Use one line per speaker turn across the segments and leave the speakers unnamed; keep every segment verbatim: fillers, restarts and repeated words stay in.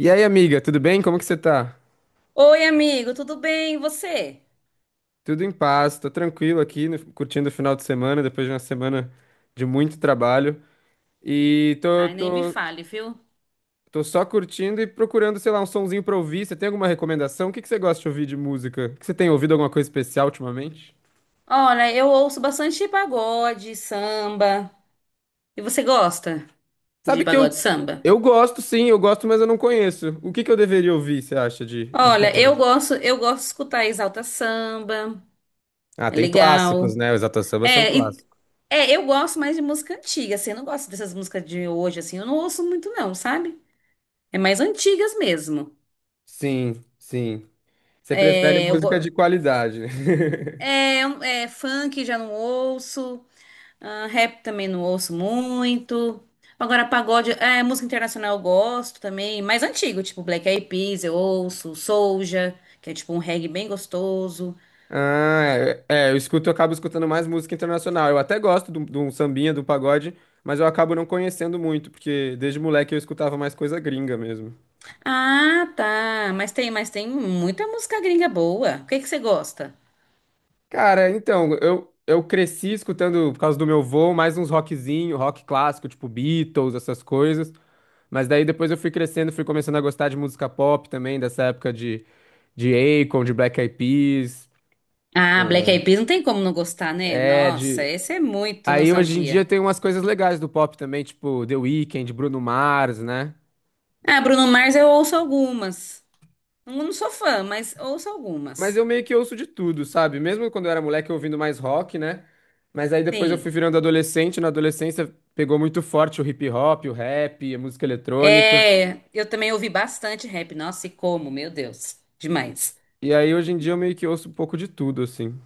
E aí, amiga, tudo bem? Como que você tá?
Oi, amigo, tudo bem? E você?
Tudo em paz, tô tranquilo aqui, no- curtindo o final de semana, depois de uma semana de muito trabalho. E tô,
Ai, nem me
tô,
fale, viu?
tô só curtindo e procurando, sei lá, um sonzinho pra ouvir. Você tem alguma recomendação? O que que você gosta de ouvir de música? O que você tem ouvido alguma coisa especial ultimamente?
Olha, eu ouço bastante pagode, samba. E você gosta de
Sabe que
pagode e
eu,
samba?
eu gosto, sim, eu gosto, mas eu não conheço. O que que eu deveria ouvir, você acha, de, de
Olha, eu
pagode?
gosto, eu gosto de escutar Exalta Samba.
Ah,
É
tem clássicos,
legal.
né? Os Exalta Samba são
É, e-
clássicos.
é, eu gosto mais de música antiga, assim, eu não gosto dessas músicas de hoje, assim, eu não ouço muito não, sabe? É mais antigas mesmo.
Sim, sim. Você prefere
É, eu,
música de
go-
qualidade, né?
é, é, funk já não ouço. Ah, rap também não ouço muito. Agora, pagode, é, música internacional eu gosto também, mais antigo, tipo Black Eyed Peas, eu ouço, Soulja, que é tipo um reggae bem gostoso.
Ah, é, é, eu escuto, eu acabo escutando mais música internacional. Eu até gosto do- de um sambinha, do pagode, mas eu acabo não conhecendo muito, porque desde moleque eu escutava mais coisa gringa mesmo.
Ah, tá, mas tem, mas tem muita música gringa boa. O que que você gosta?
Cara, então, eu, eu cresci escutando, por causa do meu vô, mais uns rockzinho, rock clássico, tipo Beatles, essas coisas. Mas daí depois eu fui crescendo, fui começando a gostar de música pop também, dessa época de, de Akon, de Black Eyed Peas.
Ah, Black Eyed Peas não tem como não gostar, né?
É. É,
Nossa,
de...
esse é muito
Aí hoje em dia
nostalgia.
tem umas coisas legais do pop também, tipo The Weeknd, Bruno Mars, né?
Ah, Bruno Mars eu ouço algumas. Não não sou fã, mas ouço
Mas
algumas.
eu meio que ouço de tudo, sabe? Mesmo quando eu era moleque, eu ouvindo mais rock, né? Mas aí depois eu fui
Sim.
virando adolescente. Na adolescência pegou muito forte o hip hop, o rap, a música eletrônica.
É, eu também ouvi bastante rap. Nossa, e como, meu Deus, demais.
E aí hoje em dia eu meio que ouço um pouco de tudo, assim.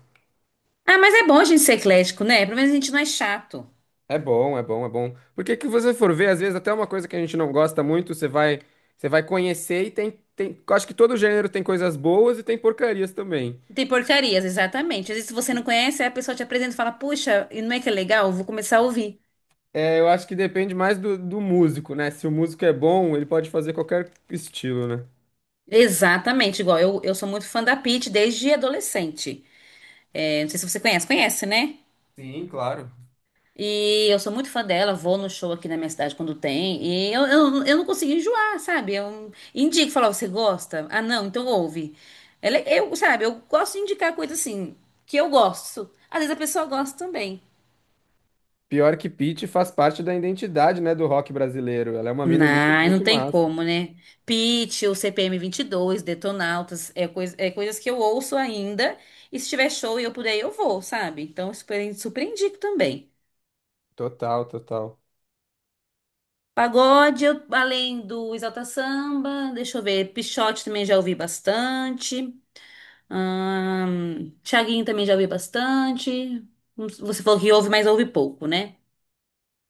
Ah, mas é bom a gente ser eclético, né? Pelo menos a gente não é chato.
É bom, é bom, é bom. Porque que você for ver, às vezes até uma coisa que a gente não gosta muito, você vai, você vai conhecer e tem, tem. Acho que todo gênero tem coisas boas e tem porcarias também.
Tem porcarias, exatamente. Às vezes, se você não conhece, aí a pessoa te apresenta e fala, puxa, e não é que é legal? Eu vou começar a ouvir.
É, eu acho que depende mais do, do músico, né? Se o músico é bom, ele pode fazer qualquer estilo, né?
Exatamente, igual eu, eu sou muito fã da Pitty desde adolescente. É, não sei se você conhece, conhece, né?
Sim, claro.
E eu sou muito fã dela, vou no show aqui na minha cidade quando tem. E eu, eu, eu não consigo enjoar, sabe? Eu indico, falar, você gosta? Ah, não, então ouve. Ela, eu, sabe, eu gosto de indicar coisa assim, que eu gosto. Às vezes a pessoa gosta também.
Pior que Pitty faz parte da identidade, né, do rock brasileiro. Ela é uma mina muito,
Não, não
muito
tem
massa.
como, né? Pitty, o C P M dois Detonautas, é, coisa, é coisas que eu ouço ainda. E se tiver show e eu puder, eu vou, sabe? Então, eu super, super indico também.
Total, total.
Pagode, eu- além do Exalta Samba, deixa eu ver, Pixote também já ouvi bastante. Ahn, Thiaguinho também já ouvi bastante. Hum, Você falou que ouve, mas ouve pouco, né?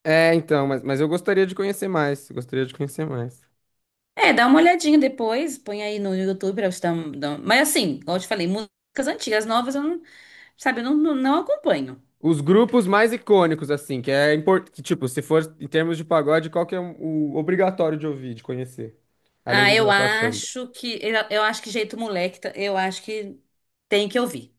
É, então, mas, mas eu gostaria de conhecer mais. Gostaria de conhecer mais.
É, dá uma olhadinha depois, põe aí no YouTube pra você dar, um- dar um- mas assim, como eu te falei, músicas antigas, novas, eu não, sabe, eu não, não, não acompanho.
Os grupos mais icônicos, assim, que é importante. Tipo, se for em termos de pagode, qual que é o obrigatório de ouvir, de conhecer? Além
Ah,
de
eu
Exalta Samba.
acho que, eu, eu acho que Jeito Moleque, tá- eu acho que tem que ouvir.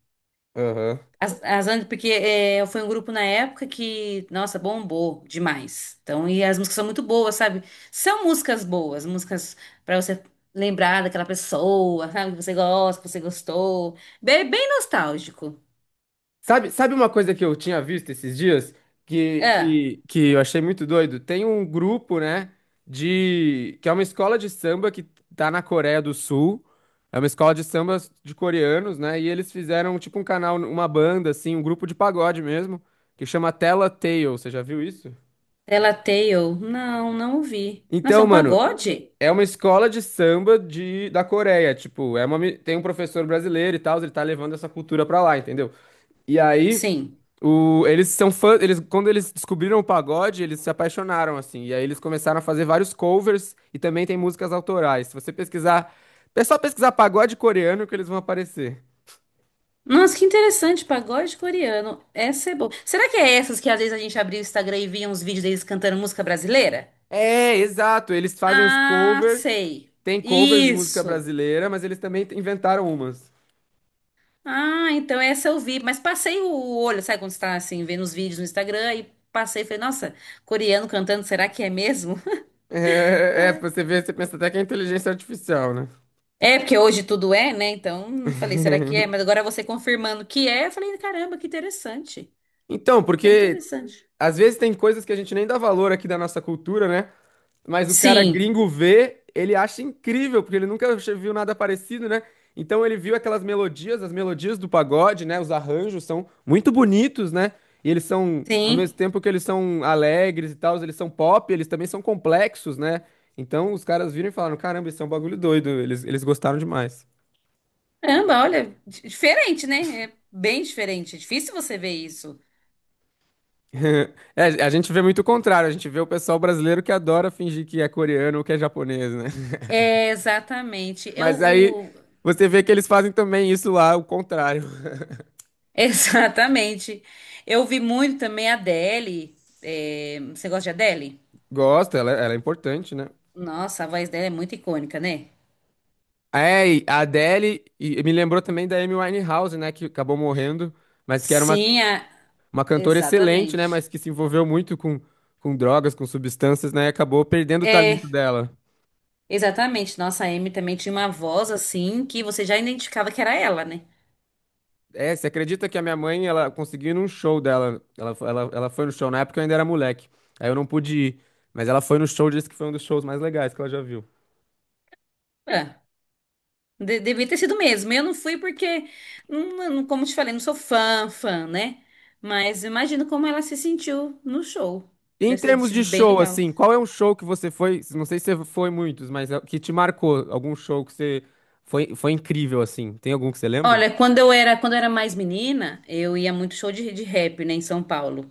Aham.
As, as, and- porque é, foi um grupo na época que, nossa, bombou demais. Então, e as músicas são muito boas, sabe? São músicas boas, músicas pra você lembrar daquela pessoa, sabe? Que você gosta, que você gostou. Bem, bem nostálgico.
Sabe, sabe uma coisa que eu tinha visto esses dias que,
Ah,
que, que eu achei muito doido? Tem um grupo, né, de que é uma escola de samba que tá na Coreia do Sul. É uma escola de samba de coreanos, né? E eles fizeram tipo um canal, uma banda assim, um grupo de pagode mesmo, que chama Tela Tale. Você já viu isso?
Tela Tale. Não, não ouvi. Nossa, é
Então,
um
mano,
pagode?
é uma escola de samba de, da Coreia, tipo, é uma, mi- tem um professor brasileiro e tal, ele tá levando essa cultura pra lá, entendeu? E aí
Sim.
o, eles são fãs, eles, quando eles descobriram o pagode, eles se apaixonaram, assim, e aí eles começaram a fazer vários covers e também tem músicas autorais. Se você pesquisar, é só pesquisar pagode coreano que eles vão aparecer.
Nossa, que interessante, pagode coreano. Essa é boa. Será que é essas que às vezes a gente abria o Instagram e via uns vídeos deles cantando música brasileira?
É, exato, eles fazem os
Ah,
covers,
sei.
tem covers de música
Isso.
brasileira, mas eles também inventaram umas.
Ah, então essa eu vi, mas passei o olho, sabe quando você tá assim, vendo os vídeos no Instagram e passei, e falei, nossa, coreano cantando, será que é mesmo?
É, é, você vê, você pensa até que é inteligência artificial, né?
É, porque hoje tudo é, né? Então, falei, será que é? Mas agora você confirmando que é, eu falei, caramba, que interessante.
Então,
Bem
porque
interessante.
às vezes tem coisas que a gente nem dá valor aqui da nossa cultura, né? Mas o cara
Sim,
gringo vê, ele acha incrível, porque ele nunca che- viu nada parecido, né? Então ele viu aquelas melodias, as melodias do pagode, né? Os arranjos são muito bonitos, né? E eles são, ao
sim.
mesmo tempo que eles são alegres e tal, eles são pop, eles também são complexos, né? Então os caras viram e falaram: caramba, isso é um bagulho doido, eles, eles gostaram demais.
Caramba, olha, di- diferente, né? É bem diferente. É difícil você ver isso.
É, a gente vê muito o contrário, a gente vê o pessoal brasileiro que adora fingir que é coreano ou que é japonês, né?
É, exatamente. Eu,
Mas aí
o-
você vê que eles fazem também isso lá, o contrário.
exatamente. Eu vi muito também a Adele. É, você gosta de Adele?
Gosta, ela, é, ela é importante, né?
Nossa, a voz dela é muito icônica, né?
É, e a Adele, e me lembrou também da Amy Winehouse, né, que acabou morrendo, mas que era uma,
Sim, a-
uma cantora excelente, né,
exatamente.
mas que se envolveu muito com, com drogas, com substâncias, né, e acabou perdendo o
É,
talento dela.
exatamente. Nossa, a Amy também tinha uma voz assim que você já identificava que era ela, né?
É, você acredita que a minha mãe, ela conseguiu ir num show dela, ela, fo- ela, ela foi no show, na época eu ainda era moleque, aí eu não pude ir, mas ela foi no show, disse que foi um dos shows mais legais que ela já viu.
Ah, de- devia ter sido mesmo. Eu não fui porque, não, não- como te falei, não sou fã, fã, né? Mas imagino como ela se sentiu no show.
E em
Deve ter
termos de
sido bem
show,
legal.
assim, qual é um show que você foi? Não sei se você foi muitos, mas é- que te marcou? Algum show que você foi, foi incrível, assim? Tem algum que você lembra?
Olha, quando eu era, quando eu era mais menina, eu ia muito show de, de, rap, né, em São Paulo.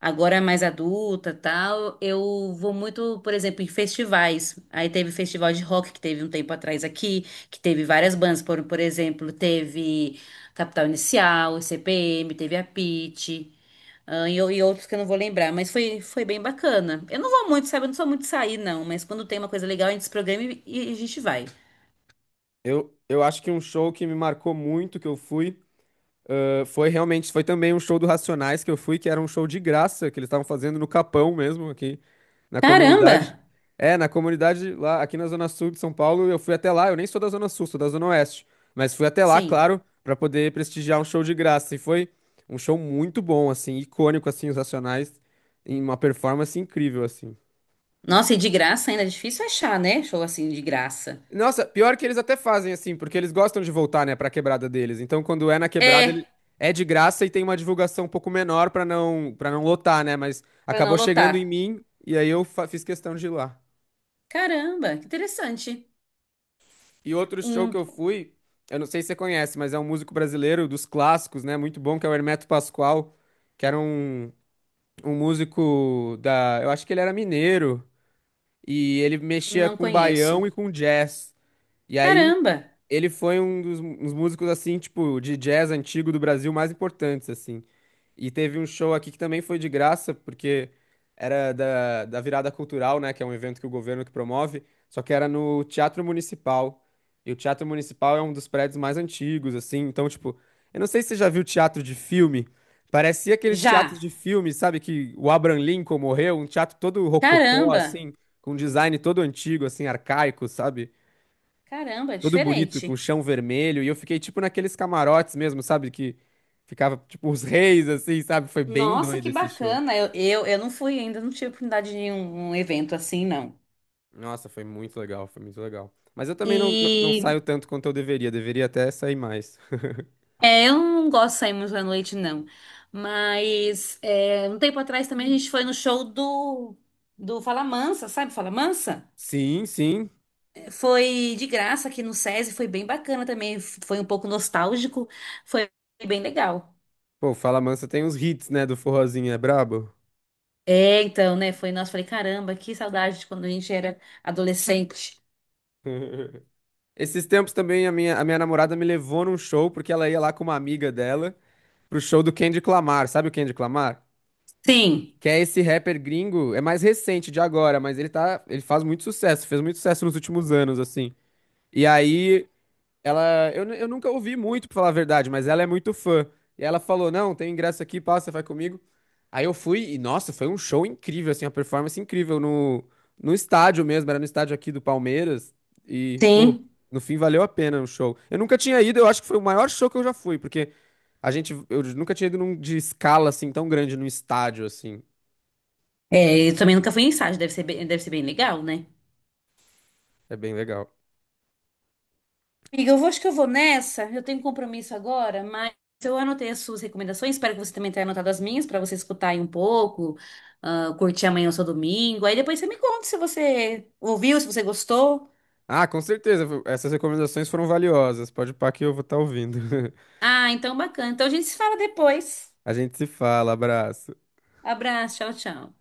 Agora é mais adulta, tal, eu vou muito, por exemplo, em festivais. Aí teve festival de rock que teve um tempo atrás aqui, que teve várias bandas, por, por exemplo, teve Capital Inicial, C P M, teve a Pitty, ah, e, o- e outros que eu não vou lembrar, mas foi, foi bem bacana. Eu não vou muito, sabe? Eu não sou muito de sair, não, mas quando tem uma coisa legal, a gente se programa e, e a gente vai.
Eu, eu acho que um show que me marcou muito, que eu fui. Ah, foi realmente, foi também um show do Racionais que eu fui, que era um show de graça, que eles estavam fazendo no Capão mesmo, aqui na
Caramba!
comunidade. É, na comunidade lá, aqui na Zona Sul de São Paulo, eu fui até lá, eu nem sou da Zona Sul, sou da Zona Oeste, mas fui até lá,
Sim.
claro, pra poder prestigiar um show de graça. E foi um show muito bom, assim, icônico, assim, os Racionais, em uma performance incrível, assim.
Nossa, e de graça ainda é difícil achar, né? Show assim de graça.
Nossa, pior que eles até fazem assim, porque eles gostam de voltar, né, pra quebrada deles. Então, quando é na quebrada,
É,
ele é de graça e tem uma divulgação um pouco menor pra não para não lotar, né? Mas
pra
acabou
não
chegando em
lotar.
mim e aí eu fa- fiz questão de ir lá.
Caramba, que interessante.
E outro show que
Um,
eu fui, eu não sei se você conhece, mas é um músico brasileiro dos clássicos, né? Muito bom, que é o Hermeto Pascoal, que era um, um músico da, eu acho que ele era mineiro e ele mexia
não
com baião
conheço.
e com jazz. E aí
Caramba,
ele foi um dos um músicos, assim, tipo, de jazz antigo do Brasil mais importantes, assim. E teve um show aqui que também foi de graça, porque era da, da Virada Cultural, né? Que é um evento que o governo que promove, só que era no Teatro Municipal. E o Teatro Municipal é um dos prédios mais antigos, assim. Então, tipo, eu não sei se você já viu teatro de filme. Parecia aqueles teatros
já.
de filme, sabe? Que o Abraham Lincoln morreu, um teatro todo rococó,
Caramba,
assim, com um design todo antigo, assim, arcaico, sabe?
caramba, é
Todo bonito, com
diferente.
chão vermelho, e eu fiquei tipo naqueles camarotes mesmo, sabe? Que ficava tipo os reis, assim, sabe? Foi bem
Nossa,
doido
que
esse show.
bacana. Eu, eu, eu não fui ainda, não tive oportunidade de ir em um, um evento assim, não.
Nossa, foi muito legal, foi muito legal. Mas eu também não, não, não
E
saio tanto quanto eu deveria, deveria até sair mais.
é, eu não gosto de sair muito à noite, não. Mas é, um tempo atrás também a gente foi no show do, do Falamansa, sabe Falamansa?
Sim, sim.
Foi de graça aqui no SESI, foi bem bacana também. Foi um pouco nostálgico, foi bem legal.
Pô, Fala Mansa tem uns hits, né, do forrozinho, é brabo?
É, então, né? Foi, nossa, falei, caramba, que saudade de quando a gente era adolescente.
Esses tempos também a minha, a minha namorada me levou num show, porque ela ia lá com uma amiga dela, pro show do Kendrick Lamar, sabe o Kendrick Lamar?
Sim,
Que é esse rapper gringo, é mais recente de agora, mas ele tá, ele faz muito sucesso, fez muito sucesso nos últimos anos, assim. E aí, ela, eu, eu nunca ouvi muito, pra falar a verdade, mas ela é muito fã. E ela falou: "Não, tem ingresso aqui, passa, vai comigo". Aí eu fui e nossa, foi um show incrível, assim, uma performance incrível no no estádio mesmo, era no estádio aqui do Palmeiras e, pô,
sim.
no fim valeu a pena o show. Eu nunca tinha ido, eu acho que foi o maior show que eu já fui, porque a gente eu nunca tinha ido num de escala assim tão grande num estádio assim.
É, eu também nunca fui em estágio, deve ser bem, deve ser bem legal, né?
É bem legal.
Amiga, eu vou, acho que eu vou nessa. Eu tenho um compromisso agora, mas eu anotei as suas recomendações. Espero que você também tenha anotado as minhas, para você escutar aí um pouco, ah, curtir amanhã o seu domingo. Aí depois você me conta se você ouviu, se você gostou.
Ah, com certeza. Essas recomendações foram valiosas. Pode pá que eu vou estar ouvindo.
Ah, então bacana. Então a gente se fala depois.
A gente se fala. Abraço.
Abraço, tchau, tchau.